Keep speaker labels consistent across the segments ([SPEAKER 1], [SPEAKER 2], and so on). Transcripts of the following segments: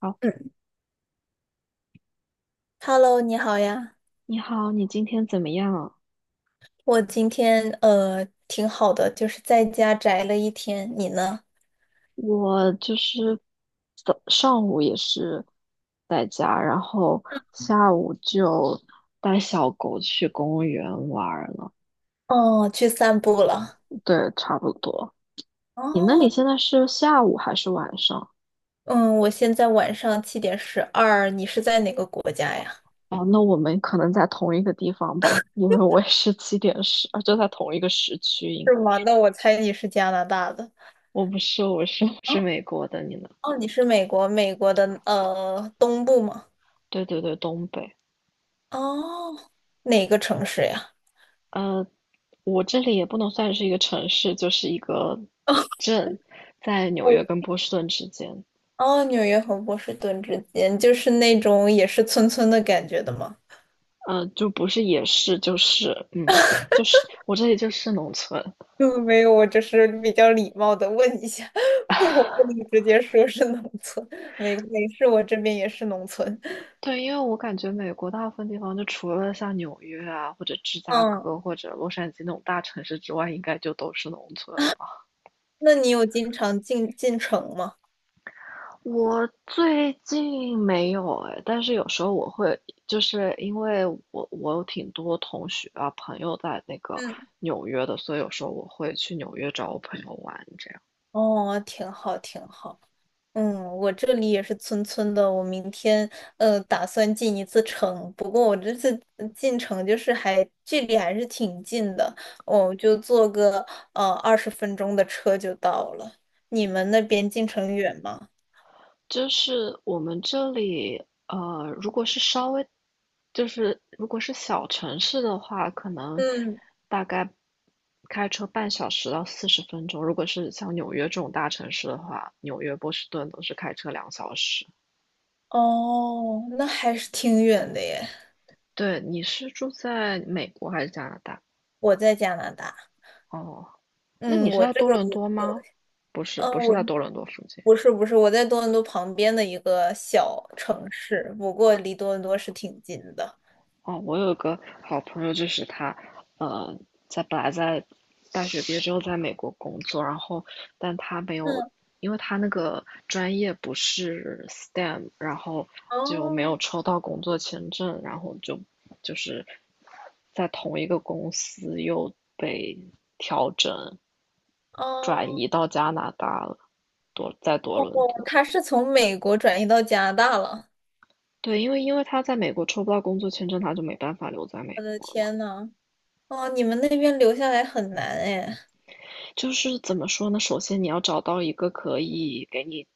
[SPEAKER 1] 好，
[SPEAKER 2] 嗯，Hello，你好呀。
[SPEAKER 1] 你好，你今天怎么样啊？
[SPEAKER 2] 我今天挺好的，就是在家宅了一天。你呢？
[SPEAKER 1] 我就是早上午也是在家，然后下午就带小狗去公园玩儿了。
[SPEAKER 2] 哦，去散步了。
[SPEAKER 1] 对，差不多。你那里
[SPEAKER 2] 哦，
[SPEAKER 1] 现在是下午还是晚上？
[SPEAKER 2] 嗯，我现在晚上7:12，你是在哪个国家呀？
[SPEAKER 1] 哦，那我们可能在同一个地方吧，因为我也是七点十，就在同一个时区，应
[SPEAKER 2] 是
[SPEAKER 1] 该
[SPEAKER 2] 吗？
[SPEAKER 1] 是。
[SPEAKER 2] 那我猜你是加拿大的。
[SPEAKER 1] 我不是，我是 是
[SPEAKER 2] 哦，
[SPEAKER 1] 美国的，你呢？
[SPEAKER 2] 哦，你是美国，美国的东部吗？
[SPEAKER 1] 对对对，东北。
[SPEAKER 2] 哦，哪个城市呀？
[SPEAKER 1] 呃，我这里也不能算是一个城市，就是一个 镇，在纽约跟波士顿之间，
[SPEAKER 2] 哦，纽约和波士顿之间，就是那种也是村村的感觉的吗？
[SPEAKER 1] 嗯，就不是也是，就是，就是我这里就是农村。
[SPEAKER 2] 嗯，没有，我只是比较礼貌的问一下，我不能直接说是农村。没没事，我这边也是农村。
[SPEAKER 1] 对，因为我感觉美国大部分地方，就除了像纽约啊，或者芝加哥，
[SPEAKER 2] 嗯，
[SPEAKER 1] 或者洛杉矶那种大城市之外，应该就都是农村吧。
[SPEAKER 2] 那你有经常进城吗？
[SPEAKER 1] 我最近没有哎，但是有时候我会，就是因为我有挺多同学啊朋友在那个
[SPEAKER 2] 嗯，
[SPEAKER 1] 纽约的，所以有时候我会去纽约找我朋友玩，这样。
[SPEAKER 2] 哦，挺好，挺好。嗯，我这里也是村村的。我明天打算进一次城，不过我这次进城就是还距离还是挺近的，我就坐个20分钟的车就到了。你们那边进城远吗？
[SPEAKER 1] 就是我们这里，如果是稍微，就是如果是小城市的话，可能
[SPEAKER 2] 嗯。
[SPEAKER 1] 大概开车半小时到40分钟；如果是像纽约这种大城市的话，纽约、波士顿都是开车2小时。
[SPEAKER 2] 哦，那还是挺远的耶。
[SPEAKER 1] 对，你是住在美国还是加拿大？
[SPEAKER 2] 我在加拿大。
[SPEAKER 1] 哦，那你
[SPEAKER 2] 嗯，
[SPEAKER 1] 是
[SPEAKER 2] 我
[SPEAKER 1] 在
[SPEAKER 2] 这
[SPEAKER 1] 多
[SPEAKER 2] 个
[SPEAKER 1] 伦
[SPEAKER 2] 不是，
[SPEAKER 1] 多吗？不是，
[SPEAKER 2] 嗯，
[SPEAKER 1] 不是
[SPEAKER 2] 我
[SPEAKER 1] 在多伦多附近。
[SPEAKER 2] 不是不是，我在多伦多旁边的一个小城市，不过离多伦多是挺近的。
[SPEAKER 1] 哦，我有个好朋友，就是他，呃，本来在大学毕业之后在美国工作，然后但他没有，
[SPEAKER 2] 嗯，
[SPEAKER 1] 因为他那个专业不是 STEM，然后就没有
[SPEAKER 2] 哦
[SPEAKER 1] 抽到工作签证，然后就是在同一个公司又被调整，转
[SPEAKER 2] 哦
[SPEAKER 1] 移到加拿大了，在多
[SPEAKER 2] 哦，
[SPEAKER 1] 伦
[SPEAKER 2] 他
[SPEAKER 1] 多。
[SPEAKER 2] 是从美国转移到加拿大了。
[SPEAKER 1] 对，因为他在美国抽不到工作签证，他就没办法留在
[SPEAKER 2] 我
[SPEAKER 1] 美
[SPEAKER 2] 的
[SPEAKER 1] 国了嘛。
[SPEAKER 2] 天呐，哦，你们那边留下来很难哎。
[SPEAKER 1] 就是怎么说呢？首先你要找到一个可以给你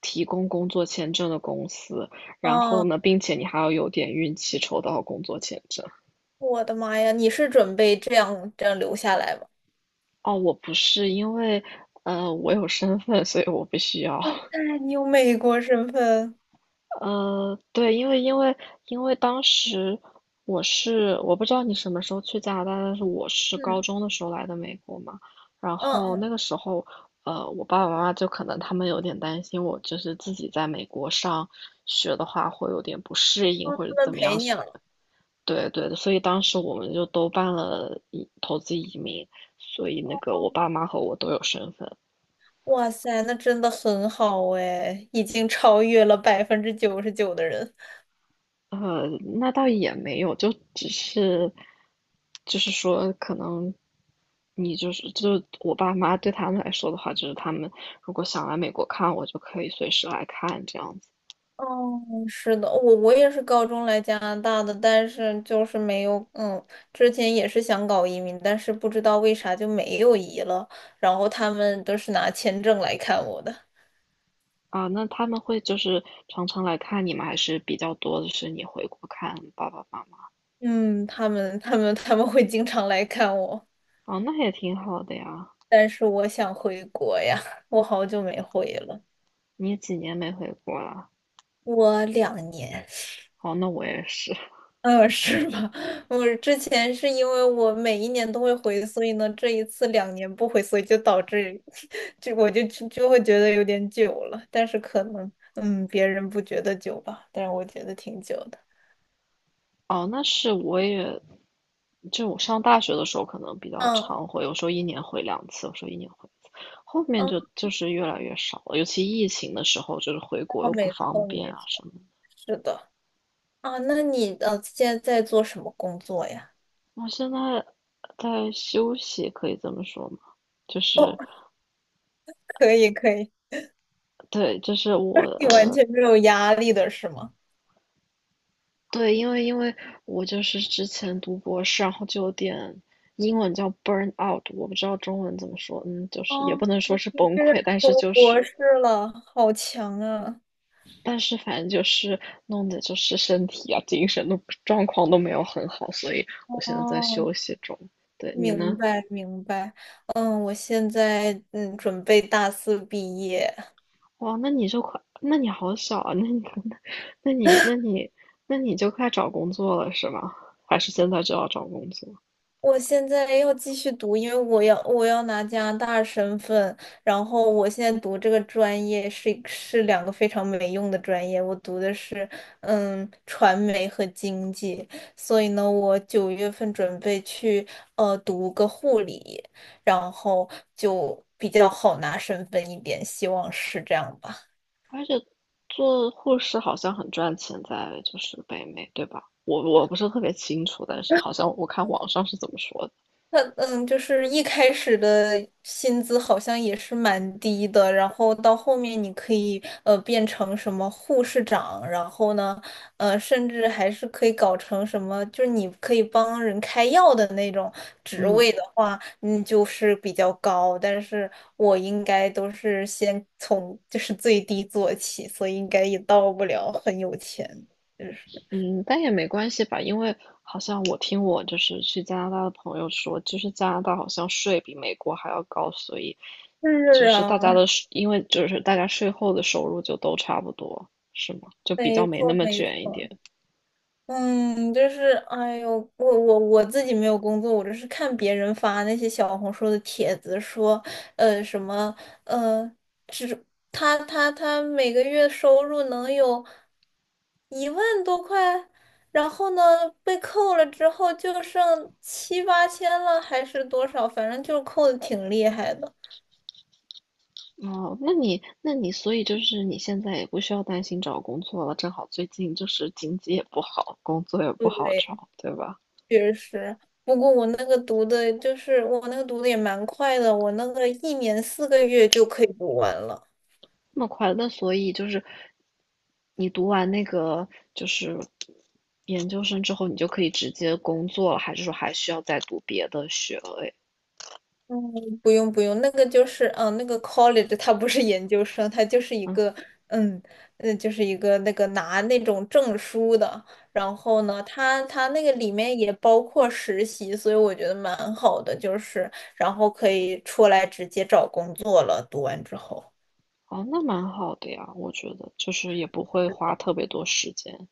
[SPEAKER 1] 提供工作签证的公司，然后
[SPEAKER 2] 哦，
[SPEAKER 1] 呢，并且你还要有点运气抽到工作签证。
[SPEAKER 2] 我的妈呀，你是准备这样留下来吗？
[SPEAKER 1] 哦，我不是，因为我有身份，所以我不需要。
[SPEAKER 2] 哎，你有美国身份。
[SPEAKER 1] 对，因为当时我不知道你什么时候去加拿大，但是我是高
[SPEAKER 2] 嗯
[SPEAKER 1] 中的时候来的美国嘛，然后
[SPEAKER 2] 嗯，
[SPEAKER 1] 那个时候，我爸爸妈妈就可能他们有点担心我，就是自己在美国上学的话会有点不适应
[SPEAKER 2] 哦，
[SPEAKER 1] 或者
[SPEAKER 2] 他们
[SPEAKER 1] 怎么
[SPEAKER 2] 陪
[SPEAKER 1] 样，
[SPEAKER 2] 你了。
[SPEAKER 1] 对对所以当时我们就都办了投资移民，所以那个我爸妈和我都有身份。
[SPEAKER 2] 哇塞，那真的很好哎，已经超越了99%的人。
[SPEAKER 1] 呃，那倒也没有，就只是，就是说，可能你就是我爸妈对他们来说的话，就是他们如果想来美国看我，就可以随时来看这样子
[SPEAKER 2] 哦，是的，我也是高中来加拿大的，但是就是没有，嗯，之前也是想搞移民，但是不知道为啥就没有移了。然后他们都是拿签证来看我的。
[SPEAKER 1] 啊。那他们会就是常常来看你吗？还是比较多的是你回国看爸爸妈妈？
[SPEAKER 2] 嗯，他们会经常来看我，
[SPEAKER 1] 哦，那也挺好的呀。
[SPEAKER 2] 但是我想回国呀，我好久没回了。
[SPEAKER 1] 你几年没回国了？
[SPEAKER 2] 我两年。
[SPEAKER 1] 哦，那我也是。
[SPEAKER 2] 嗯，是吧？我之前是因为我每1年都会回，所以呢，这一次两年不回，所以就导致 我就会觉得有点久了。但是可能，嗯，别人不觉得久吧，但是我觉得挺久的。
[SPEAKER 1] 哦，那是我也，就我上大学的时候可能比较
[SPEAKER 2] 嗯
[SPEAKER 1] 常回，有时候一年回2次，有时候一年回。后面
[SPEAKER 2] 嗯，
[SPEAKER 1] 就是越来越少了，尤其疫情的时候，就是回国
[SPEAKER 2] 哦，
[SPEAKER 1] 又不
[SPEAKER 2] 没
[SPEAKER 1] 方
[SPEAKER 2] 错没
[SPEAKER 1] 便啊
[SPEAKER 2] 错，
[SPEAKER 1] 什么。
[SPEAKER 2] 是的。啊，那你现在在做什么工作呀？
[SPEAKER 1] 我现在在休息，可以这么说吗？就
[SPEAKER 2] 哦，
[SPEAKER 1] 是
[SPEAKER 2] 可以可以。
[SPEAKER 1] 对，就是我
[SPEAKER 2] 你完全没有压力的是吗？
[SPEAKER 1] 对，因为我就是之前读博士，然后就有点英文叫 burn out，我不知道中文怎么说，嗯，就是也
[SPEAKER 2] 哦，
[SPEAKER 1] 不能说是
[SPEAKER 2] 你
[SPEAKER 1] 崩
[SPEAKER 2] 这
[SPEAKER 1] 溃，
[SPEAKER 2] 是
[SPEAKER 1] 但是
[SPEAKER 2] 读
[SPEAKER 1] 就
[SPEAKER 2] 博
[SPEAKER 1] 是
[SPEAKER 2] 士了，好强啊！
[SPEAKER 1] 但是反正就是弄的就是身体啊、精神都状况都没有很好，所以我现在在
[SPEAKER 2] 哦，
[SPEAKER 1] 休息中。对你呢？
[SPEAKER 2] 明白明白。嗯，我现在准备大4毕业。
[SPEAKER 1] 哇，那你就快，那你好小啊！那你 那你，那你，那你就快找工作了是吗？还是现在就要找工作？
[SPEAKER 2] 我现在要继续读，因为我要拿加拿大身份，然后我现在读这个专业是两个非常没用的专业，我读的是嗯传媒和经济，所以呢，我9月份准备去读个护理，然后就比较好拿身份一点，希望是这样吧。
[SPEAKER 1] 而且做护士好像很赚钱，在就是北美，对吧？我不是特别清楚，但是好像我看网上是怎么说的。
[SPEAKER 2] 他嗯，就是一开始的薪资好像也是蛮低的，然后到后面你可以变成什么护士长，然后呢，呃，甚至还是可以搞成什么，就是你可以帮人开药的那种职
[SPEAKER 1] 嗯。
[SPEAKER 2] 位的话，嗯，就是比较高。但是我应该都是先从就是最低做起，所以应该也到不了很有钱。就是
[SPEAKER 1] 嗯，但也没关系吧，因为好像我听我就是去加拿大的朋友说，就是加拿大好像税比美国还要高，所以就
[SPEAKER 2] 是
[SPEAKER 1] 是大家
[SPEAKER 2] 啊，
[SPEAKER 1] 的税，因为就是大家税后的收入就都差不多，是吗？就比较
[SPEAKER 2] 没
[SPEAKER 1] 没那
[SPEAKER 2] 错
[SPEAKER 1] 么
[SPEAKER 2] 没
[SPEAKER 1] 卷一
[SPEAKER 2] 错。
[SPEAKER 1] 点。
[SPEAKER 2] 嗯，就是，哎呦，我自己没有工作，我就是看别人发那些小红书的帖子，说，呃，什么，呃，他每个月收入能有1万多块，然后呢，被扣了之后就剩7、8千了，还是多少，反正就是扣的挺厉害的。
[SPEAKER 1] 哦，那你所以就是你现在也不需要担心找工作了，正好最近就是经济也不好，工作也不好
[SPEAKER 2] 对，
[SPEAKER 1] 找，对吧？
[SPEAKER 2] 确实。不过我那个读的，就是我那个读的也蛮快的，我那个1年4个月就可以读完了。
[SPEAKER 1] 那么快乐那所以就是你读完那个就是研究生之后，你就可以直接工作了，还是说还需要再读别的学位？
[SPEAKER 2] 嗯，不用不用。那个就是，嗯，那个 college 它不是研究生，它就是一
[SPEAKER 1] 嗯，
[SPEAKER 2] 个，嗯嗯，就是一个那个拿那种证书的。然后呢，它它那个里面也包括实习，所以我觉得蛮好的，就是然后可以出来直接找工作了。读完之后，
[SPEAKER 1] 哦，那蛮好的呀，我觉得就是也不会花特别多时间，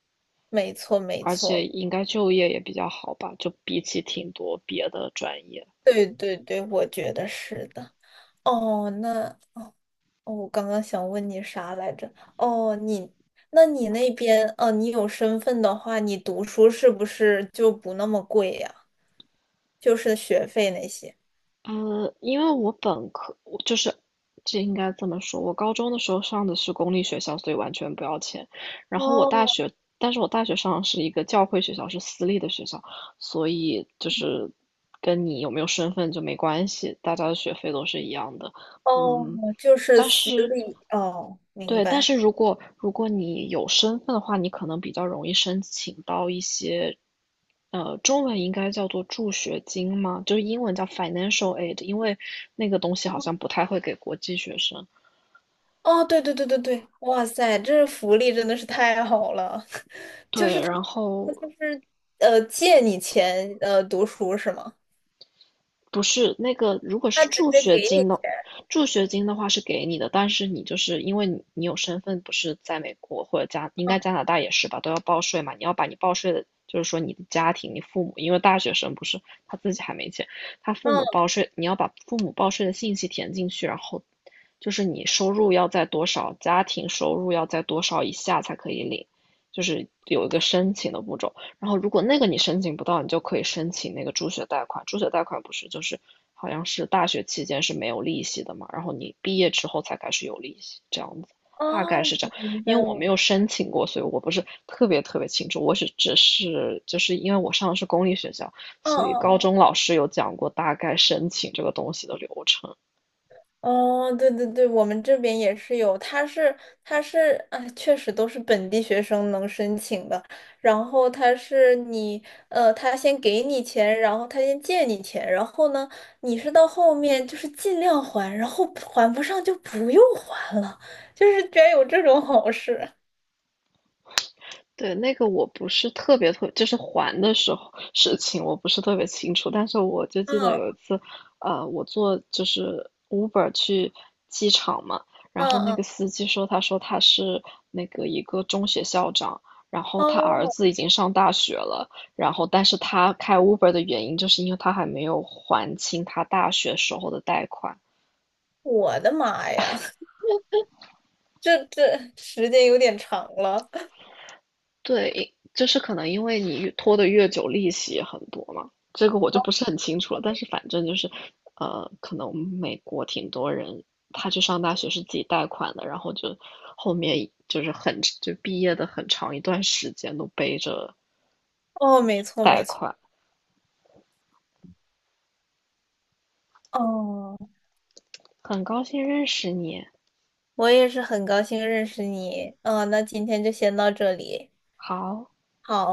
[SPEAKER 2] 没错没
[SPEAKER 1] 而且
[SPEAKER 2] 错，
[SPEAKER 1] 应该就业也比较好吧，就比起挺多别的专业。
[SPEAKER 2] 对对对，我觉得是的。哦，那哦，我刚刚想问你啥来着？哦，你，那你那边，哦，你有身份的话，你读书是不是就不那么贵呀？就是学费那些。
[SPEAKER 1] 因为我本科我就是这应该这么说，我高中的时候上的是公立学校，所以完全不要钱。然后我大
[SPEAKER 2] 哦
[SPEAKER 1] 学，但是我大学上的是一个教会学校，是私立的学校，所以就是跟你有没有身份就没关系，大家的学费都是一样的。
[SPEAKER 2] 哦，
[SPEAKER 1] 嗯，
[SPEAKER 2] 就是
[SPEAKER 1] 但
[SPEAKER 2] 私
[SPEAKER 1] 是
[SPEAKER 2] 立。哦，明
[SPEAKER 1] 对，但
[SPEAKER 2] 白。
[SPEAKER 1] 是如果你有身份的话，你可能比较容易申请到一些，中文应该叫做助学金吗？就是英文叫 financial aid，因为那个东西好像不太会给国际学生。
[SPEAKER 2] 哦，对对对对对，哇塞，这福利真的是太好了。
[SPEAKER 1] 对，然
[SPEAKER 2] 那就
[SPEAKER 1] 后
[SPEAKER 2] 是呃，借你钱读书是吗？
[SPEAKER 1] 不是那个，如果
[SPEAKER 2] 他
[SPEAKER 1] 是
[SPEAKER 2] 直
[SPEAKER 1] 助
[SPEAKER 2] 接
[SPEAKER 1] 学
[SPEAKER 2] 给你
[SPEAKER 1] 金的，
[SPEAKER 2] 钱。
[SPEAKER 1] 助学金的话是给你的，但是你就是因为你有身份，不是在美国或者加，应该加
[SPEAKER 2] 嗯，
[SPEAKER 1] 拿大也是吧，都要报税嘛。你要把你报税的，就是说你的家庭、你父母，因为大学生不是他自己还没钱，他父
[SPEAKER 2] 嗯，
[SPEAKER 1] 母报税，你要把父母报税的信息填进去，然后就是你收入要在多少，家庭收入要在多少以下才可以领，就是有一个申请的步骤。然后如果那个你申请不到，你就可以申请那个助学贷款。助学贷款不是就是好像是大学期间是没有利息的嘛，然后你毕业之后才开始有利息，这样子，大概
[SPEAKER 2] 哦，
[SPEAKER 1] 是这
[SPEAKER 2] 我
[SPEAKER 1] 样。
[SPEAKER 2] 明
[SPEAKER 1] 因
[SPEAKER 2] 白
[SPEAKER 1] 为我没
[SPEAKER 2] 我。
[SPEAKER 1] 有申请过，所以我不是特别特别清楚。我是只是就是因为我上的是公立学校，
[SPEAKER 2] 嗯
[SPEAKER 1] 所以
[SPEAKER 2] 嗯嗯。
[SPEAKER 1] 高
[SPEAKER 2] 哦
[SPEAKER 1] 中老师有讲过大概申请这个东西的流程。
[SPEAKER 2] 哦，对对对，我们这边也是有，他是啊，确实都是本地学生能申请的。然后他是你呃，他先给你钱，然后他先借你钱，然后呢，你是到后面就是尽量还，然后还不上就不用还了，就是居然有这种好事。
[SPEAKER 1] 对，那个我不是特别特，就是还的时候事情，我不是特别清楚。但是我就
[SPEAKER 2] 嗯
[SPEAKER 1] 记得有一次，我坐就是 Uber 去机场嘛，然
[SPEAKER 2] 嗯
[SPEAKER 1] 后那个
[SPEAKER 2] 嗯，
[SPEAKER 1] 司机说，他说他是那个一个中学校长，然后他儿
[SPEAKER 2] 哦，
[SPEAKER 1] 子已经上大学了，然后但是他开 Uber 的原因就是因为他还没有还清他大学时候的贷款，
[SPEAKER 2] 我的妈呀，这时间有点长了。
[SPEAKER 1] 对，就是可能因为你越拖得越久，利息也很多嘛，这个我就不是很清楚了。但是反正就是，可能美国挺多人他去上大学是自己贷款的，然后就后面就是很就毕业的很长一段时间都背着
[SPEAKER 2] 哦，没错没
[SPEAKER 1] 贷
[SPEAKER 2] 错。
[SPEAKER 1] 款。
[SPEAKER 2] 哦。
[SPEAKER 1] 很高兴认识你，
[SPEAKER 2] 我也是很高兴认识你。嗯，那今天就先到这里。
[SPEAKER 1] 好。
[SPEAKER 2] 好，